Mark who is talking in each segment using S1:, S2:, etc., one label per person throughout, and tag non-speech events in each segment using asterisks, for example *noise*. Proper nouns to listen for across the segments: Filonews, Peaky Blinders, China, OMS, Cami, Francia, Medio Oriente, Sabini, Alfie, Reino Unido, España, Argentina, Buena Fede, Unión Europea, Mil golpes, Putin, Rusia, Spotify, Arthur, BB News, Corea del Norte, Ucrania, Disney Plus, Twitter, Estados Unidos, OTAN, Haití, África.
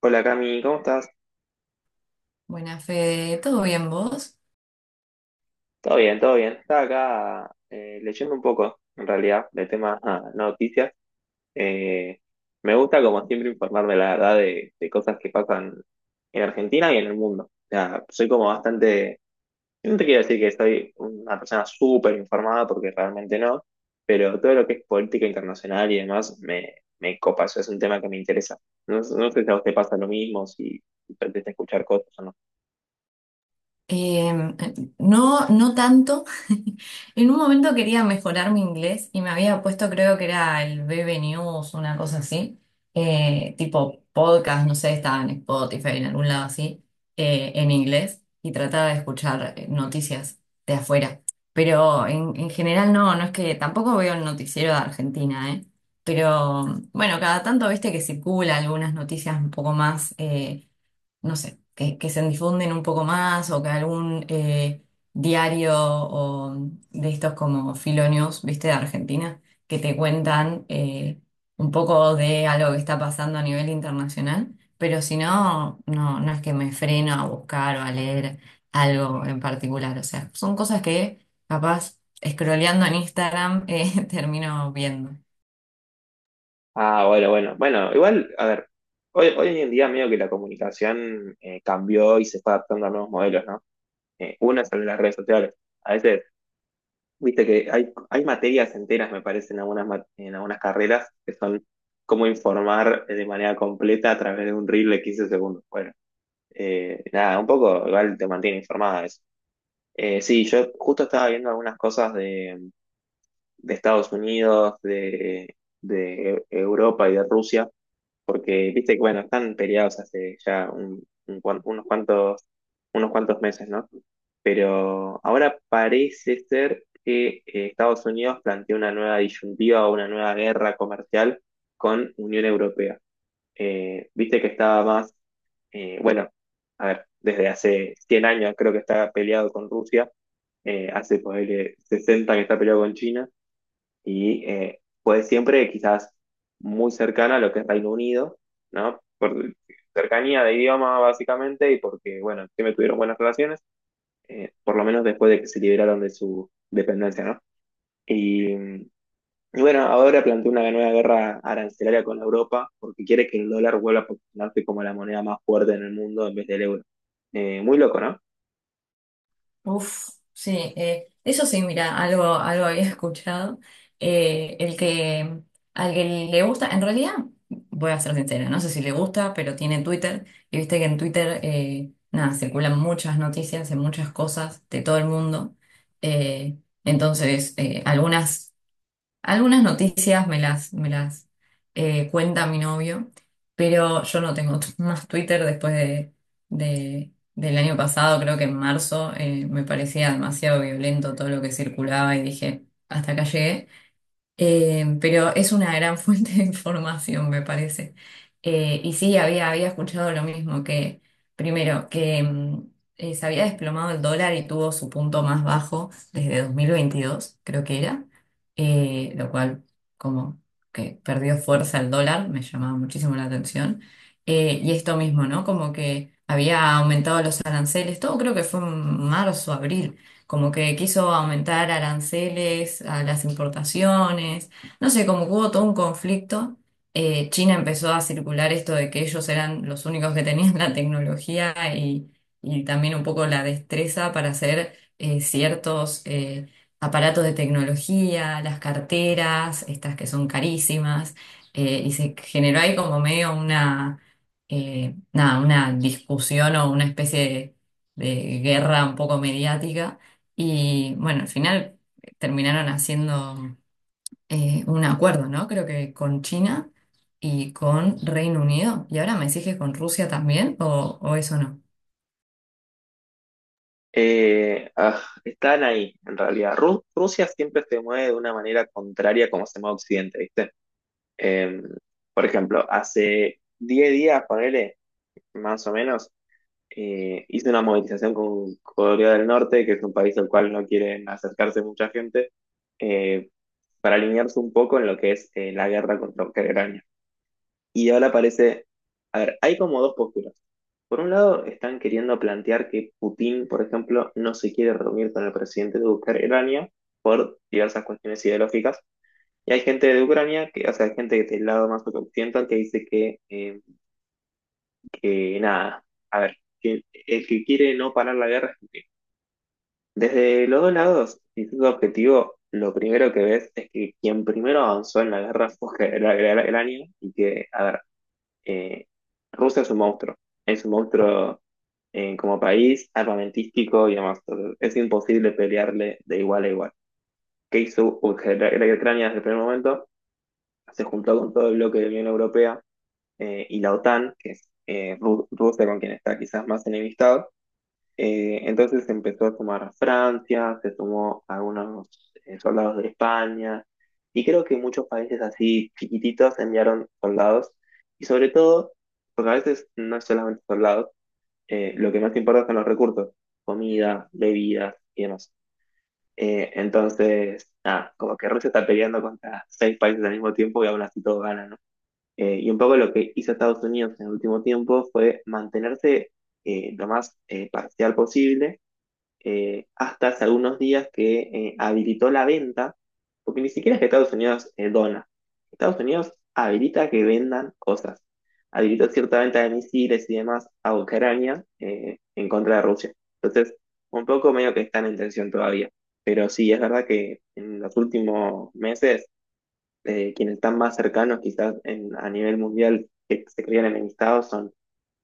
S1: Hola Cami, ¿cómo estás?
S2: Buena Fede, ¿todo bien vos?
S1: Todo bien, todo bien. Estaba acá leyendo un poco, en realidad, de temas noticias. Eh, me gusta, como siempre, informarme, la verdad, de cosas que pasan en Argentina y en el mundo. O sea, soy como bastante... No te quiero decir que soy una persona súper informada, porque realmente no, pero todo lo que es política internacional y demás me copa. Eso es un tema que me interesa. No, no sé si a usted pasa lo mismo, si pretende escuchar cosas o no.
S2: Em, Eh, no, no tanto. *laughs* En un momento quería mejorar mi inglés y me había puesto, creo que era el BB News, una cosa así, tipo podcast, no sé, estaba en Spotify, en algún lado así, en inglés y trataba de escuchar noticias de afuera. Pero en general no, no es que tampoco veo el noticiero de Argentina, ¿eh? Pero bueno, cada tanto viste que circula algunas noticias un poco más. No sé, que se difunden un poco más o que algún diario o de estos como Filonews, viste, de Argentina, que te cuentan un poco de algo que está pasando a nivel internacional, pero si no, no, no es que me freno a buscar o a leer algo en particular, o sea, son cosas que capaz scrolleando en Instagram, *laughs* termino viendo.
S1: Ah, bueno, bueno. Bueno, igual, a ver, hoy en día medio que la comunicación cambió y se fue adaptando a nuevos modelos, ¿no? Una es el de las redes sociales. A veces, viste que hay materias enteras, me parece, en algunas, en algunas carreras que son cómo informar de manera completa a través de un reel de 15 segundos. Bueno, nada, un poco igual te mantiene informada eso. Sí, yo justo estaba viendo algunas cosas de Estados Unidos, de Europa y de Rusia porque viste que bueno, están peleados hace ya unos unos cuantos meses, ¿no? Pero ahora parece ser que Estados Unidos plantea una nueva disyuntiva o una nueva guerra comercial con Unión Europea. Viste que estaba más, bueno, a ver, desde hace 100 años creo que está peleado con Rusia, hace pues, 60 que está peleado con China y fue siempre quizás muy cercana a lo que es Reino Unido, ¿no? Por cercanía de idioma básicamente y porque, bueno, siempre tuvieron buenas relaciones, por lo menos después de que se liberaron de su dependencia, ¿no? Y, mm, y bueno, ahora plantea una nueva guerra arancelaria con Europa porque quiere que el dólar vuelva a posicionarse como la moneda más fuerte en el mundo en vez del euro. Muy loco, ¿no?
S2: Uf, sí, eso sí, mira, algo había *laughs* escuchado. Eh, el que, Al que le gusta, en realidad, voy a ser sincera, no sé si le gusta, pero tiene Twitter, y viste que en Twitter, nada, circulan muchas noticias de muchas cosas de todo el mundo. Eh, entonces, algunas noticias me las cuenta mi novio, pero yo no tengo *laughs* más Twitter después del año pasado, creo que en marzo. Me parecía demasiado violento todo lo que circulaba y dije, hasta acá llegué. Pero es una gran *laughs* fuente de información, me parece. Y sí, había escuchado lo mismo, que primero, que se había desplomado el dólar y tuvo su punto más bajo desde 2022, creo que era, lo cual como que perdió fuerza el dólar, me llamaba muchísimo la atención. Y esto mismo, ¿no? Como que había aumentado los aranceles, todo creo que fue en marzo, abril, como que quiso aumentar aranceles a las importaciones, no sé, como que hubo todo un conflicto. China empezó a circular esto de que ellos eran los únicos que tenían la tecnología y también un poco la destreza para hacer ciertos aparatos de tecnología, las carteras, estas que son carísimas, y se generó ahí como medio una, nada, una discusión o una especie de guerra un poco mediática y bueno, al final terminaron haciendo un acuerdo, ¿no? Creo que con China y con Reino Unido. ¿Y ahora me decís que con Rusia también o eso no?
S1: Están ahí, en realidad. Rusia siempre se mueve de una manera contraria como se mueve Occidente, ¿viste? Eh, por ejemplo, hace 10 días, ponele, más o menos, hice una movilización con Corea del Norte, que es un país al cual no quieren acercarse mucha gente, eh, para alinearse un poco en lo que es la guerra contra Ucrania. Y ahora parece, a ver, hay como dos posturas. Por un lado, están queriendo plantear que Putin, por ejemplo, no se quiere reunir con el presidente de Ucrania por diversas cuestiones ideológicas. Y hay gente de Ucrania, que, o sea, hay gente del lado más occidental que dice que nada, a ver, que el que quiere no parar la guerra es Putin. Desde los dos lados, si es tu objetivo, lo primero que ves es que quien primero avanzó en la guerra fue *laughs* Ucrania y que, a ver, eh, Rusia es un monstruo como país, armamentístico y demás. Entonces, es imposible pelearle de igual a igual. ¿Qué hizo Ucrania desde el primer momento? Se juntó con todo el bloque de la Unión Europea y la OTAN, que es Rusia con quien está quizás más enemistado. Entonces empezó a sumar a Francia, se sumó a algunos soldados de España, y creo que muchos países así chiquititos enviaron soldados, y sobre todo, porque a veces no es solamente soldados, lo que más importa son los recursos, comida, bebidas y demás. Entonces, nada, como que Rusia está peleando contra 6 países al mismo tiempo y aún así todos ganan, y un poco lo que hizo Estados Unidos en el último tiempo fue mantenerse lo más parcial posible hasta hace algunos días que habilitó la venta, porque ni siquiera es que Estados Unidos dona. Estados Unidos habilita que vendan cosas. Habilitó cierta venta de misiles y demás a Ucrania en contra de Rusia. Entonces, un poco medio que están en tensión todavía. Pero sí, es verdad que en los últimos meses quienes están más cercanos quizás a nivel mundial que se crean enemistados son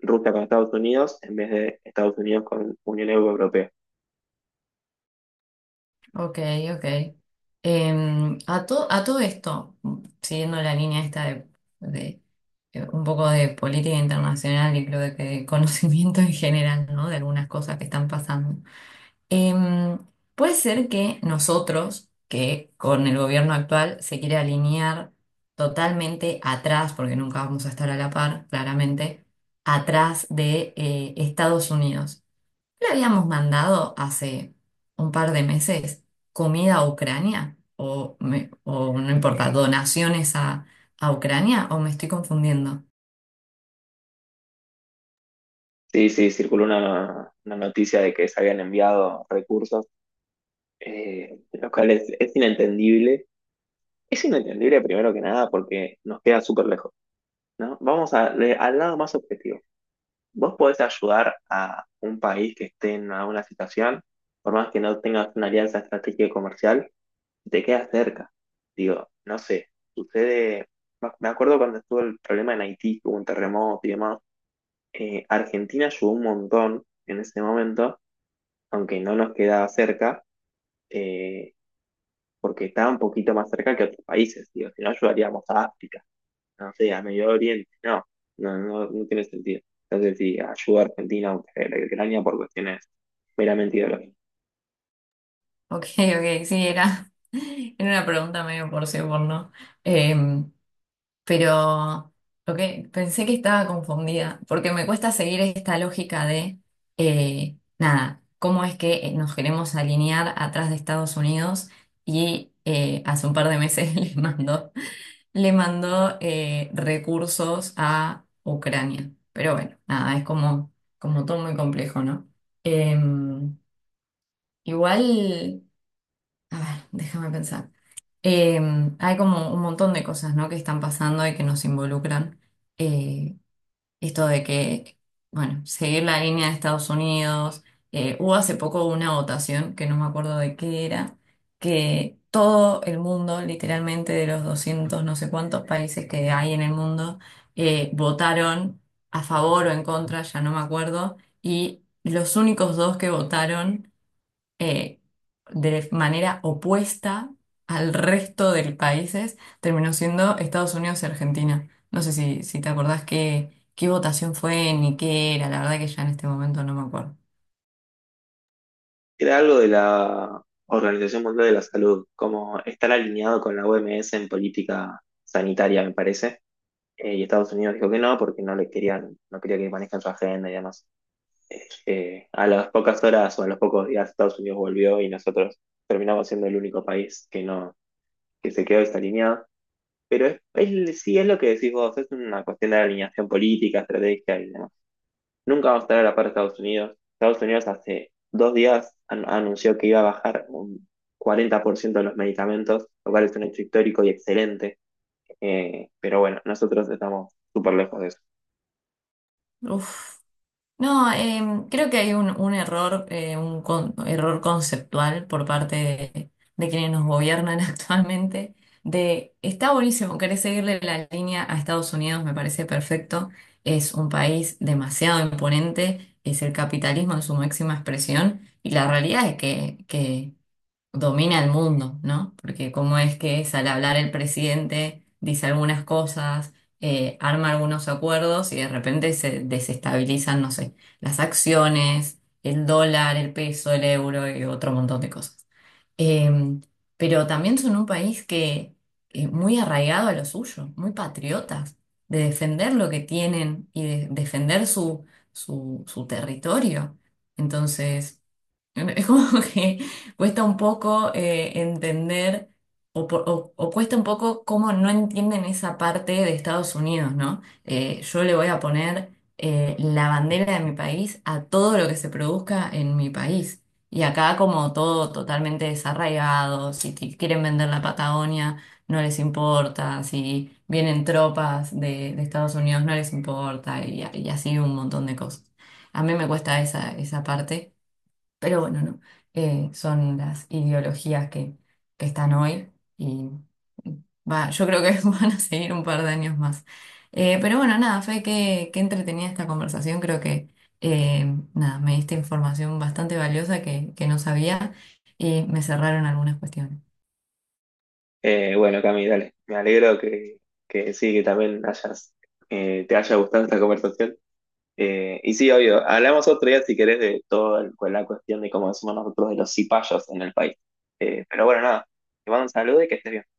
S1: Rusia con Estados Unidos en vez de Estados Unidos con Unión Europea.
S2: Ok, ok. A todo esto, siguiendo la línea esta de, un poco de política internacional y creo que de conocimiento en general, ¿no? De algunas cosas que están pasando. Em, Puede ser que nosotros, que con el gobierno actual se quiere alinear totalmente atrás, porque nunca vamos a estar a la par, claramente, atrás de, Estados Unidos. Le habíamos mandado hace un par de meses comida a Ucrania, o no importa, donaciones a Ucrania, o me estoy confundiendo.
S1: Sí, circuló una noticia de que se habían enviado recursos, lo cual es inentendible. Es inentendible primero que nada porque nos queda súper lejos, ¿no? Al lado más objetivo. Vos podés ayudar a un país que esté en una situación, por más que no tengas una alianza estratégica y comercial, y te queda cerca. Digo, no sé, sucede, me acuerdo cuando estuvo el problema en Haití, que hubo un terremoto y demás, Argentina ayudó un montón en ese momento, aunque no nos quedaba cerca, eh, porque estaba un poquito más cerca que otros países, digo, si no ayudaríamos a África, no sé, a Medio Oriente, no, no tiene sentido. Entonces, si ayuda a Argentina, aunque la Ucrania por cuestiones meramente ideológicas.
S2: Ok, ok, sí, era, *laughs* era una pregunta medio por sí o por no. Em, pero lo que pensé que estaba confundida, porque me cuesta seguir esta lógica de, nada, cómo es que nos queremos alinear atrás de Estados Unidos y, hace un par de meses *laughs* le mandó recursos a Ucrania. Pero bueno, nada, es como, como todo muy complejo, ¿no? Em, Igual, a ver, déjame pensar. Eh, Hay como un montón de cosas, ¿no? Que están pasando y que nos involucran. Eh, Esto de que, bueno, seguir la línea de Estados Unidos. Hubo hace poco una votación, que no me acuerdo de qué era, que todo el mundo, literalmente de los 200 no sé cuántos países que hay en el mundo, votaron a favor o en contra, ya no me acuerdo, y los únicos dos que votaron eh, de manera opuesta al resto de países, terminó siendo Estados Unidos y Argentina. No sé si, si te acordás qué, qué votación fue ni qué era, la verdad que ya en este momento no me acuerdo.
S1: Era algo de la Organización Mundial de la Salud, como estar alineado con la OMS en política sanitaria, me parece. Y Estados Unidos dijo que no, porque no le querían, no quería que manejen su agenda y demás. A las pocas horas o a los pocos días, Estados Unidos volvió y nosotros terminamos siendo el único país que no, que se quedó desalineado. Pero sí es lo que decís vos, es una cuestión de alineación política, estrategia y demás. Nunca vamos a estar a la par de Estados Unidos. Estados Unidos hace dos días anunció que iba a bajar un 40% de los medicamentos, lo cual es un hecho histórico y excelente. Pero bueno, nosotros estamos súper lejos de eso.
S2: Uf. No, creo que hay un error, error conceptual por parte de quienes nos gobiernan *laughs* actualmente. De está buenísimo, querés seguirle la línea a Estados Unidos, me parece perfecto, es un país demasiado imponente, es el capitalismo en su máxima expresión, y la realidad es que domina el mundo, ¿no? Porque cómo es que es al hablar el presidente, dice algunas cosas, arma algunos acuerdos y de repente se desestabilizan, no sé, las acciones, el dólar, el peso, el euro y otro montón de cosas. Eh, pero también son un país que es muy arraigado a lo suyo, muy patriotas, de defender lo que tienen y de defender su, su, su territorio. Entonces... *laughs* Es como que cuesta un poco, entender o, o cuesta un poco cómo no entienden esa parte de Estados Unidos, ¿no? Yo le voy a poner, la bandera de mi país a todo lo que se produzca en mi país. Y acá como todo totalmente desarraigado, si quieren vender la Patagonia, no les importa, si vienen tropas de Estados Unidos, no les importa, y así un montón de cosas. A mí me cuesta esa, esa parte. Pero bueno, no. Son las ideologías que están hoy y va, yo creo que *laughs* van a seguir un par de años más. Pero bueno, nada, Fe, qué entretenida esta conversación. Creo que, nada, me diste información bastante valiosa que no sabía y me cerraron algunas cuestiones.
S1: Bueno, Cami, dale. Me alegro que sí, que también te haya gustado esta conversación. Y sí, obvio, hablamos otro día si querés de toda la cuestión de cómo decimos nosotros de los cipayos en el país. Pero bueno, nada, te mando un saludo y que estés bien.